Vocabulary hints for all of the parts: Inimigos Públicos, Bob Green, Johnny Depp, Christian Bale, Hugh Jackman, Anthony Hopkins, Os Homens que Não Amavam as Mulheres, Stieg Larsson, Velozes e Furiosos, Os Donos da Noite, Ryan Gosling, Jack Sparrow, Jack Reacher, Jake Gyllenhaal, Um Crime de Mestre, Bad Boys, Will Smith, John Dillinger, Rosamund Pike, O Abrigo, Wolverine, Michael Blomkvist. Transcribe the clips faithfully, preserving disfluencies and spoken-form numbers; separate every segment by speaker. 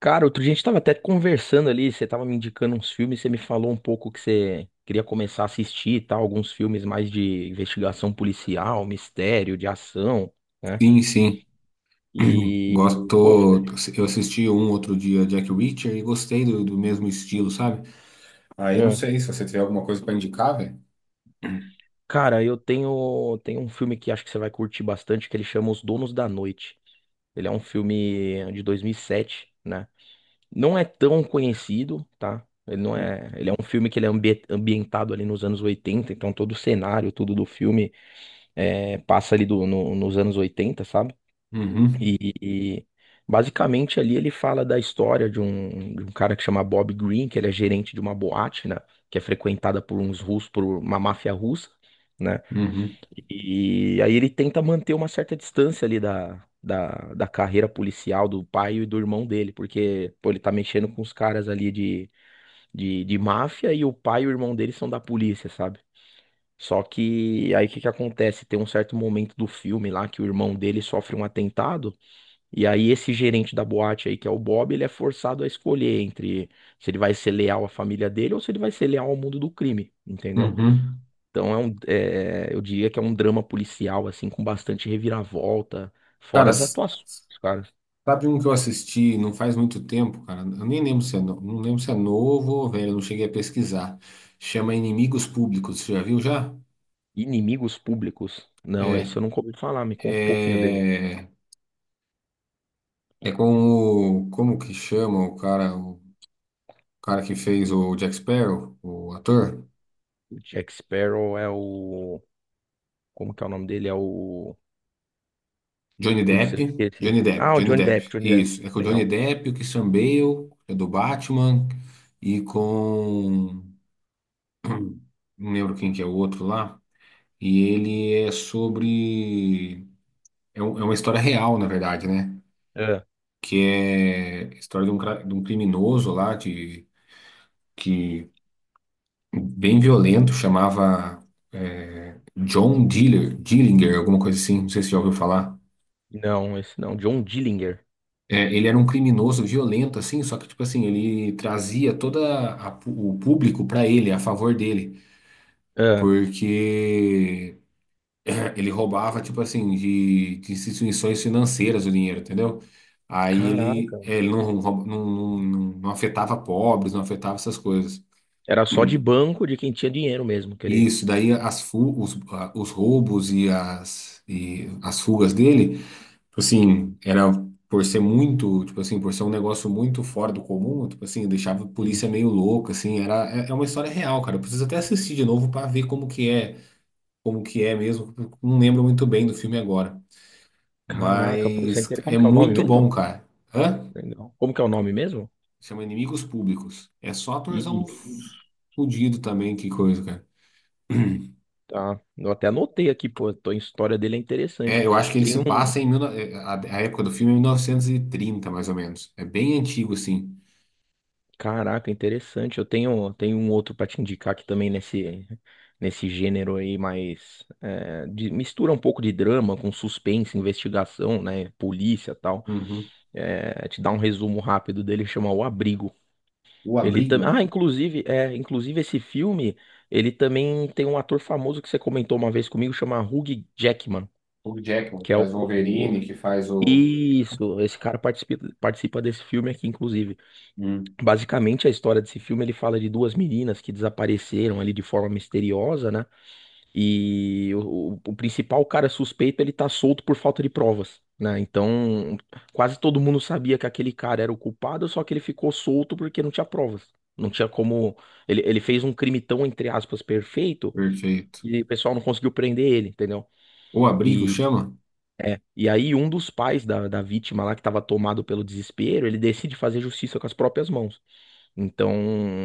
Speaker 1: Cara, outro dia a gente tava até conversando ali, você tava me indicando uns filmes, você me falou um pouco que você queria começar a assistir e tal, alguns filmes mais de investigação policial, mistério, de ação, né?
Speaker 2: Sim, sim. Gosto.
Speaker 1: E, pô, fica-
Speaker 2: tô- Eu assisti um outro dia Jack Reacher e gostei do, do mesmo estilo, sabe?
Speaker 1: é.
Speaker 2: Aí não
Speaker 1: é.
Speaker 2: sei se você tiver alguma coisa para indicar, velho.
Speaker 1: cara, eu tenho, tenho um filme que acho que você vai curtir bastante, que ele chama Os Donos da Noite. Ele é um filme de dois mil e sete, né? Não é tão conhecido, tá? Ele não é, ele é um filme que ele é ambi- ambientado ali nos anos oitenta, então todo o cenário, tudo do filme é, passa ali do- no- nos anos oitenta, sabe?
Speaker 2: Uhum,
Speaker 1: E, e basicamente ali ele fala da história de um, de um cara que chama Bob Green, que ele é gerente de uma boate, né? Que é frequentada por uns russos, por uma máfia russa, né?
Speaker 2: uhum,
Speaker 1: E aí ele tenta manter uma certa distância ali da, da, da carreira policial do pai e do irmão dele, porque, pô, ele tá mexendo com os caras ali de, de, de máfia e o pai e o irmão dele são da polícia, sabe? Só que aí o que que acontece? Tem um certo momento do filme lá que o irmão dele sofre um atentado, e aí esse gerente da boate aí, que é o Bob, ele é forçado a escolher entre se ele vai ser leal à família dele ou se ele vai ser leal ao mundo do crime, entendeu?
Speaker 2: uhum.
Speaker 1: Então é um, é, eu diria que é um drama policial, assim, com bastante reviravolta,
Speaker 2: Cara,
Speaker 1: fora as
Speaker 2: s-
Speaker 1: atuações, cara.
Speaker 2: sabe um que eu assisti não faz muito tempo, cara? Eu nem lembro se é, no- não lembro se é novo ou velho, eu não cheguei a pesquisar. Chama Inimigos Públicos, você já viu já?
Speaker 1: Inimigos Públicos. Não,
Speaker 2: É,
Speaker 1: esse eu nunca ouvi falar, me conta um pouquinho dele.
Speaker 2: é, é com o, como que chama o cara, o cara que fez o Jack Sparrow, o ator?
Speaker 1: O Jack Sparrow é o. Como que é o nome dele? É o.
Speaker 2: Johnny
Speaker 1: Putz,
Speaker 2: Depp,
Speaker 1: eu esqueci.
Speaker 2: Johnny Depp,
Speaker 1: Ah, o
Speaker 2: Johnny
Speaker 1: Johnny
Speaker 2: Depp.
Speaker 1: Depp, Johnny Depp.
Speaker 2: Isso, é com o Johnny
Speaker 1: Legal.
Speaker 2: Depp, o Christian Bale, é do Batman, e com. Não lembro quem que é o outro lá. E ele é sobre. É, um- é uma história real, na verdade, né?
Speaker 1: Ah,
Speaker 2: Que é a história de um, cra- de um criminoso lá, de, que bem violento, chamava é, John Diller, Dillinger, alguma coisa assim, não sei se já ouviu falar.
Speaker 1: não, esse não. John Dillinger.
Speaker 2: É, ele era um criminoso violento, assim, só que, tipo assim, ele trazia todo o público pra ele, a favor dele,
Speaker 1: Ah,
Speaker 2: porque é, ele roubava, tipo assim, de, de instituições financeiras o dinheiro, entendeu? Aí ele,
Speaker 1: caraca.
Speaker 2: é, ele não, roub- não, não, não- não afetava pobres, não afetava essas coisas.
Speaker 1: Era só de banco de quem tinha dinheiro mesmo, que ele.
Speaker 2: Isso, daí as, fu- os, a- os roubos e as, e as fugas dele. Tipo assim, era por ser muito, tipo assim, por ser um negócio muito fora do comum, tipo assim, deixava a
Speaker 1: Uhum.
Speaker 2: polícia meio louca, assim, era, é é uma história real, cara. Eu preciso até assistir de novo pra ver como que é, como que é mesmo. Eu Não lembro muito bem do filme agora,
Speaker 1: Caraca, pô, você
Speaker 2: mas
Speaker 1: entende como
Speaker 2: é
Speaker 1: que é o nome
Speaker 2: muito bom,
Speaker 1: mesmo?
Speaker 2: cara. Hã?
Speaker 1: Legal. Como que é o nome mesmo?
Speaker 2: Chama Inimigos Públicos. É só atorzão
Speaker 1: Inimigos.
Speaker 2: fudido também, que coisa, cara.
Speaker 1: Tá. Eu até anotei aqui, pô. tô- A história dele é interessante.
Speaker 2: É, eu acho que ele
Speaker 1: Tem
Speaker 2: se
Speaker 1: um.
Speaker 2: passa em mil, eh, a, a época do filme é mil novecentos e trinta mais ou menos. É bem antigo, assim.
Speaker 1: Caraca, interessante. Eu tenho, tenho um outro para te indicar aqui também nesse, nesse gênero aí, mas é, de- mistura um pouco de drama com suspense, investigação, né? Polícia e tal.
Speaker 2: Uhum.
Speaker 1: É, te dar um resumo rápido dele, chama O Abrigo.
Speaker 2: O
Speaker 1: Ele também.
Speaker 2: Abrigo.
Speaker 1: Ah, inclusive, é, inclusive esse filme, ele também tem um ator famoso que você comentou uma vez comigo, chama Hugh Jackman,
Speaker 2: O Jackman, que
Speaker 1: que é o...
Speaker 2: faz o
Speaker 1: o-
Speaker 2: Wolverine, que faz o.
Speaker 1: Isso, esse cara participa, participa desse filme aqui, inclusive.
Speaker 2: Hum,
Speaker 1: Basicamente, a história desse filme, ele fala de duas meninas que desapareceram ali de forma misteriosa, né? E o, o- o principal cara suspeito, ele tá solto por falta de provas, né? Então, quase todo mundo sabia que aquele cara era o culpado, só que ele ficou solto porque não tinha provas. Não tinha como... Ele, ele fez um crime tão, entre aspas, perfeito,
Speaker 2: perfeito.
Speaker 1: que o pessoal não conseguiu prender ele, entendeu?
Speaker 2: O Abrigo
Speaker 1: E
Speaker 2: chama?
Speaker 1: e aí, um dos pais da, da vítima lá, que estava tomado pelo desespero, ele decide fazer justiça com as próprias mãos. Então,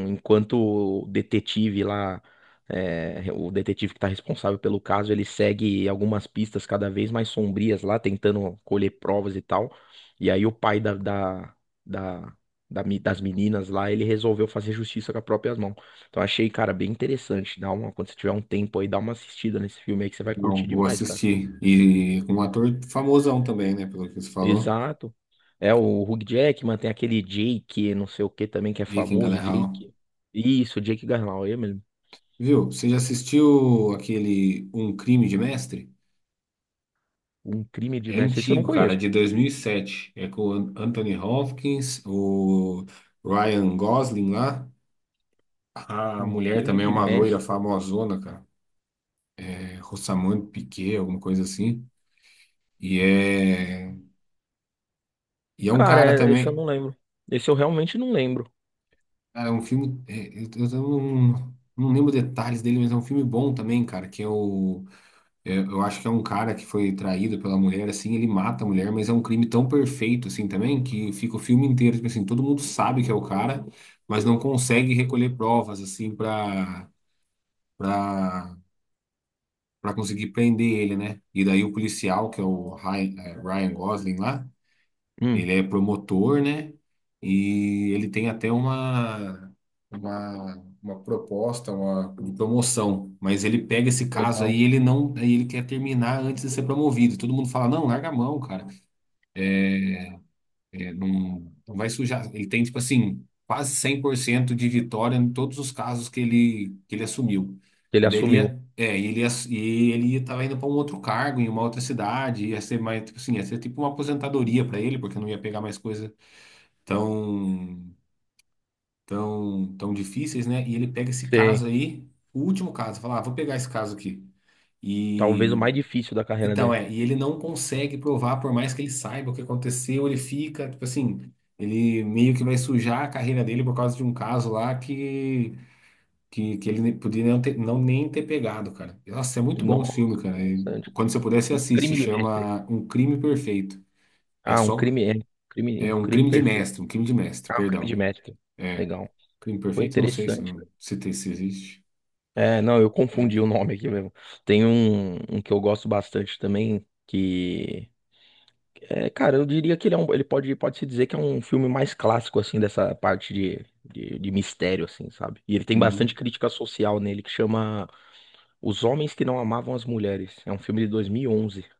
Speaker 1: enquanto o detetive lá, é, o detetive que está responsável pelo caso, ele segue algumas pistas cada vez mais sombrias lá, tentando colher provas e tal. E aí, o pai da, da, da- da me- das meninas lá, ele resolveu fazer justiça com as próprias mãos. Então, achei, cara, bem interessante. Dá uma, quando você tiver um tempo aí, dá uma assistida nesse filme aí que você vai
Speaker 2: Não,
Speaker 1: curtir
Speaker 2: vou
Speaker 1: demais, cara.
Speaker 2: assistir. E com um ator famosão também, né? Pelo que você falou.
Speaker 1: Exato. É o Hugh Jackman, tem aquele Jake, não sei o que também, que é
Speaker 2: Jake
Speaker 1: famoso,
Speaker 2: Gyllenhaal.
Speaker 1: Jake. Isso, Jake Gyllenhaal, é mesmo.
Speaker 2: Viu? Você já assistiu aquele Um Crime de Mestre?
Speaker 1: Um crime de
Speaker 2: É
Speaker 1: mestre. Esse eu não
Speaker 2: antigo, cara, é
Speaker 1: conheço.
Speaker 2: de dois mil e sete. É com o An- Anthony Hopkins, o Ryan Gosling lá. A
Speaker 1: Um
Speaker 2: mulher
Speaker 1: crime
Speaker 2: também é
Speaker 1: de
Speaker 2: uma loira
Speaker 1: mestre.
Speaker 2: famosona, cara. É Rosamund Pike, alguma coisa assim. E é, e é um
Speaker 1: Cara,
Speaker 2: cara
Speaker 1: é- esse eu
Speaker 2: também.
Speaker 1: não lembro. Esse eu realmente não lembro.
Speaker 2: Cara, é um filme. é, eu, eu não, não lembro detalhes dele, mas é um filme bom também, cara. Que é o. É, eu acho que é um cara que foi traído pela mulher, assim, ele mata a mulher, mas é um crime tão perfeito, assim, também, que fica o filme inteiro, tipo assim, todo mundo sabe que é o cara, mas não consegue recolher provas, assim, pra, pra, pra conseguir prender ele, né? E daí o policial, que é o Ryan, é, Ryan Gosling lá.
Speaker 1: Hum,
Speaker 2: Ele é promotor, né? E ele tem até uma, uma, uma proposta, uma de promoção. Mas ele pega esse caso
Speaker 1: legal.
Speaker 2: aí, ele não, aí ele quer terminar antes de ser promovido. Todo mundo fala, não, larga a mão, cara. É, não, não vai sujar. Ele tem, tipo assim, quase cem por cento de vitória em todos os casos que ele, que ele assumiu.
Speaker 1: Ele
Speaker 2: E daí ele
Speaker 1: assumiu.
Speaker 2: ia, é, e ele ia, e ele estava indo para um outro cargo em uma outra cidade, ia ser mais, tipo assim, ia ser tipo uma aposentadoria para ele, porque não ia pegar mais coisa tão, tão, tão difíceis, né? E ele pega esse
Speaker 1: Tem.
Speaker 2: caso aí, o último caso, fala, ah, vou pegar esse caso aqui.
Speaker 1: Talvez o mais
Speaker 2: E
Speaker 1: difícil da carreira
Speaker 2: então
Speaker 1: dele.
Speaker 2: é, e ele não consegue provar, por mais que ele saiba o que aconteceu, ele fica, tipo assim, ele meio que vai sujar a carreira dele por causa de um caso lá que que, que ele nem- podia não, ter, não nem ter pegado, cara. Nossa, é muito bom esse
Speaker 1: Nossa,
Speaker 2: filme, cara. E
Speaker 1: interessante.
Speaker 2: quando você puder, você assiste,
Speaker 1: Crime de mestre.
Speaker 2: chama Um Crime Perfeito. É
Speaker 1: Ah, um
Speaker 2: só
Speaker 1: crime, é. Crime, um
Speaker 2: é um
Speaker 1: crime
Speaker 2: crime de
Speaker 1: perfeito.
Speaker 2: mestre, um crime de mestre,
Speaker 1: Ah, um crime de
Speaker 2: perdão.
Speaker 1: mestre.
Speaker 2: É,
Speaker 1: Legal.
Speaker 2: crime
Speaker 1: Foi
Speaker 2: perfeito? Não sei se,
Speaker 1: interessante.
Speaker 2: se, tem- se existe.
Speaker 1: É, não, eu confundi o nome aqui mesmo. Tem um, um que eu gosto bastante também, que é, cara, eu diria que ele é um, ele pode, pode se dizer que é um filme mais clássico assim dessa parte de, de, de mistério assim, sabe? E ele tem bastante
Speaker 2: Uhum.
Speaker 1: crítica social nele que chama Os Homens que Não Amavam as Mulheres. É um filme de dois mil e onze e onze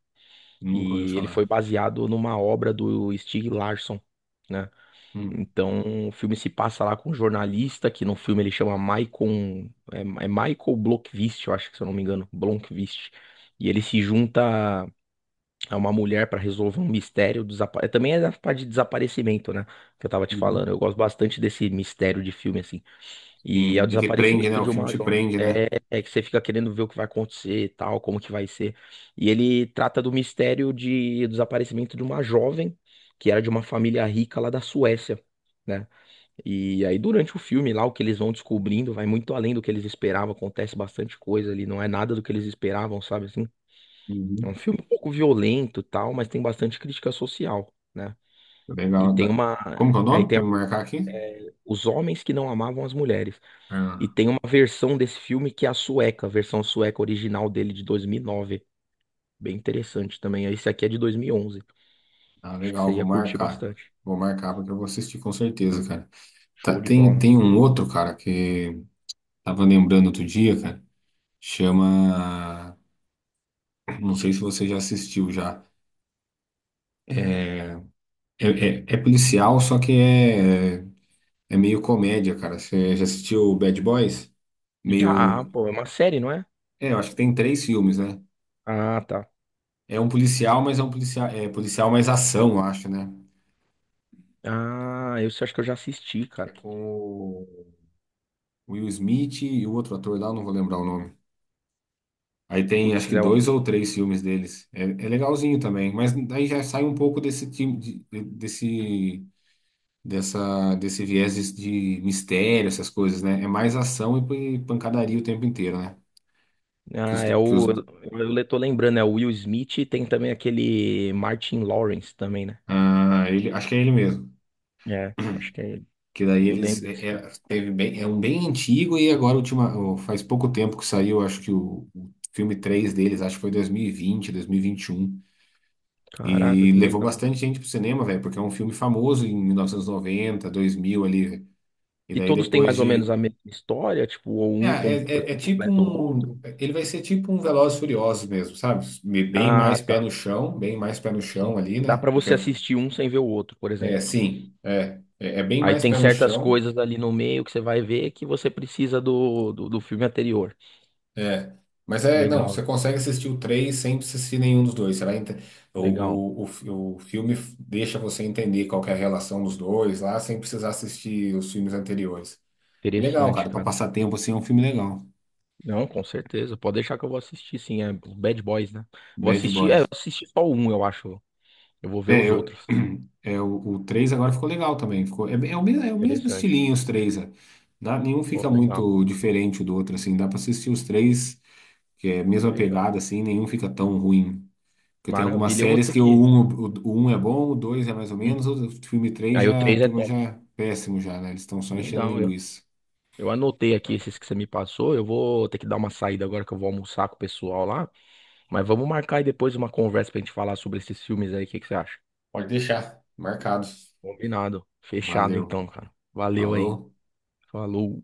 Speaker 2: Nunca ouvi
Speaker 1: e ele foi
Speaker 2: falar.
Speaker 1: baseado numa obra do Stieg Larsson. Né?
Speaker 2: Hum.
Speaker 1: Então, o filme se passa lá com um jornalista, que no filme ele chama Michael, é, é Michael Blomkvist, eu acho que se eu não me engano, Blomkvist. E ele se junta a uma mulher para resolver um mistério, desapa- é, também é da parte de desaparecimento, né, que eu tava te
Speaker 2: Uhum.
Speaker 1: falando. Eu gosto bastante desse mistério de filme, assim. E é
Speaker 2: Sim,
Speaker 1: o
Speaker 2: é que prende, né?
Speaker 1: desaparecimento
Speaker 2: O
Speaker 1: de
Speaker 2: filme
Speaker 1: uma...
Speaker 2: te prende, né?
Speaker 1: É, é que você fica querendo ver o que vai acontecer e tal, como que vai ser. E ele trata do mistério de do desaparecimento de uma jovem, que era de uma família rica lá da Suécia, né? E aí, durante o filme lá, o que eles vão descobrindo vai muito além do que eles esperavam, acontece bastante coisa ali, não é nada do que eles esperavam, sabe assim? É
Speaker 2: Uhum.
Speaker 1: um filme um pouco violento, e tal, mas tem bastante crítica social, né? E
Speaker 2: Legal.
Speaker 1: tem
Speaker 2: Da-
Speaker 1: uma
Speaker 2: Como que é o
Speaker 1: aí
Speaker 2: nome
Speaker 1: tem
Speaker 2: pra
Speaker 1: a-
Speaker 2: eu marcar aqui?
Speaker 1: os homens que não amavam as mulheres. E
Speaker 2: Ah,
Speaker 1: tem uma versão desse filme que é a sueca, a versão sueca original dele de dois mil e nove, bem interessante também. Esse aqui é de dois mil e onze.
Speaker 2: ah,
Speaker 1: Acho que
Speaker 2: legal,
Speaker 1: você
Speaker 2: vou
Speaker 1: ia curtir
Speaker 2: marcar.
Speaker 1: bastante.
Speaker 2: Vou marcar porque eu vou assistir com certeza, cara. Tá,
Speaker 1: Show de
Speaker 2: tem,
Speaker 1: bola.
Speaker 2: tem um outro, cara, que tava lembrando outro dia, cara. Chama. Não sei se você já assistiu já. É, é, é é policial, só que é, é meio comédia, cara. Você já assistiu Bad Boys?
Speaker 1: Já,
Speaker 2: Meio.
Speaker 1: pô, é uma série, não é?
Speaker 2: É, eu acho que tem três filmes, né?
Speaker 1: Ah, tá.
Speaker 2: É um policial, mas é um policial, é policial mais ação, eu acho, né?
Speaker 1: Ah, eu acho que eu já assisti,
Speaker 2: É
Speaker 1: cara.
Speaker 2: com o Will Smith e o outro ator lá, eu não vou lembrar o nome. Aí tem acho
Speaker 1: Putz,
Speaker 2: que
Speaker 1: é o.
Speaker 2: dois ou três filmes deles. É, é legalzinho também, mas aí já sai um pouco desse time de- desse dessa desse viés de mistério, essas coisas, né? É mais ação e pancadaria o tempo inteiro, né? Que os,
Speaker 1: Ah, é
Speaker 2: que os,
Speaker 1: o. Eu eu tô lembrando, é o Will Smith e tem também aquele Martin Lawrence também, né?
Speaker 2: ah, ele, acho que é ele mesmo.
Speaker 1: É, acho que é ele.
Speaker 2: Que daí
Speaker 1: Eu
Speaker 2: eles
Speaker 1: lembro desse
Speaker 2: é,
Speaker 1: filme.
Speaker 2: é- teve bem, é um bem antigo e agora última, o- faz pouco tempo que saiu, acho que o, o filme três deles, acho que foi dois mil e vinte vinte dois mil e e e um.
Speaker 1: Caraca,
Speaker 2: E
Speaker 1: que
Speaker 2: levou
Speaker 1: legal.
Speaker 2: bastante gente pro cinema, velho, porque é um filme famoso em mil novecentos e noventa dois mil ali, velho. E
Speaker 1: E
Speaker 2: daí
Speaker 1: todos têm
Speaker 2: depois
Speaker 1: mais ou menos a
Speaker 2: de
Speaker 1: mesma história, tipo, ou
Speaker 2: é,
Speaker 1: um com-
Speaker 2: é, é- é tipo
Speaker 1: completa o outro.
Speaker 2: um, ele vai ser tipo um Velozes e Furiosos mesmo, sabe? Bem
Speaker 1: Ah,
Speaker 2: mais pé
Speaker 1: tá.
Speaker 2: no chão, bem mais pé no chão
Speaker 1: Sim.
Speaker 2: ali,
Speaker 1: Dá
Speaker 2: né?
Speaker 1: pra
Speaker 2: Porque
Speaker 1: você assistir um sem ver o outro, por
Speaker 2: é,
Speaker 1: exemplo.
Speaker 2: sim, é, é é bem
Speaker 1: Aí
Speaker 2: mais
Speaker 1: tem
Speaker 2: pé no
Speaker 1: certas
Speaker 2: chão.
Speaker 1: coisas ali no meio que você vai ver que você precisa do, do, do filme anterior.
Speaker 2: É, mas é, não, você
Speaker 1: Legal,
Speaker 2: consegue assistir o três sem assistir nenhum dos dois. Você vai ente- o,
Speaker 1: legal.
Speaker 2: o, o, fi- o filme f- deixa você entender qual que é a relação dos dois lá, sem precisar assistir os filmes anteriores. Legal,
Speaker 1: Interessante,
Speaker 2: cara, pra
Speaker 1: cara.
Speaker 2: passar tempo assim é um filme legal.
Speaker 1: Não, com certeza. Pode deixar que eu vou assistir, sim. É os Bad Boys, né? Vou
Speaker 2: Bad
Speaker 1: assistir, é, eu
Speaker 2: Boys.
Speaker 1: assisti só um, eu acho. Eu vou ver
Speaker 2: É,
Speaker 1: os
Speaker 2: eu,
Speaker 1: outros.
Speaker 2: é o, o três agora ficou legal também. Ficou, é, é o mesmo, é o mesmo
Speaker 1: Interessante.
Speaker 2: estilinho os três. É. Dá- nenhum
Speaker 1: Pô,
Speaker 2: fica
Speaker 1: legal,
Speaker 2: muito diferente do outro, assim. Dá pra assistir os três, que é a mesma
Speaker 1: legal.
Speaker 2: pegada, assim, nenhum fica tão ruim. Porque tem algumas
Speaker 1: Maravilha. Eu vou
Speaker 2: séries
Speaker 1: ter
Speaker 2: que o
Speaker 1: que.
Speaker 2: um, o, um é bom, o dois é mais ou
Speaker 1: Hum.
Speaker 2: menos, o filme três
Speaker 1: Aí o
Speaker 2: já, a
Speaker 1: três é
Speaker 2: turma já
Speaker 1: top.
Speaker 2: é péssimo já, né? Eles estão só enchendo
Speaker 1: Legal, eu.
Speaker 2: linguiça.
Speaker 1: Eu anotei aqui esses que você me passou. Eu vou ter que dar uma saída agora que eu vou almoçar com o pessoal lá. Mas vamos marcar aí depois uma conversa pra gente falar sobre esses filmes aí. O que que você acha?
Speaker 2: Pode deixar, marcado.
Speaker 1: Combinado. Fechado
Speaker 2: Valeu.
Speaker 1: então, cara. Valeu aí.
Speaker 2: Falou.
Speaker 1: Falou.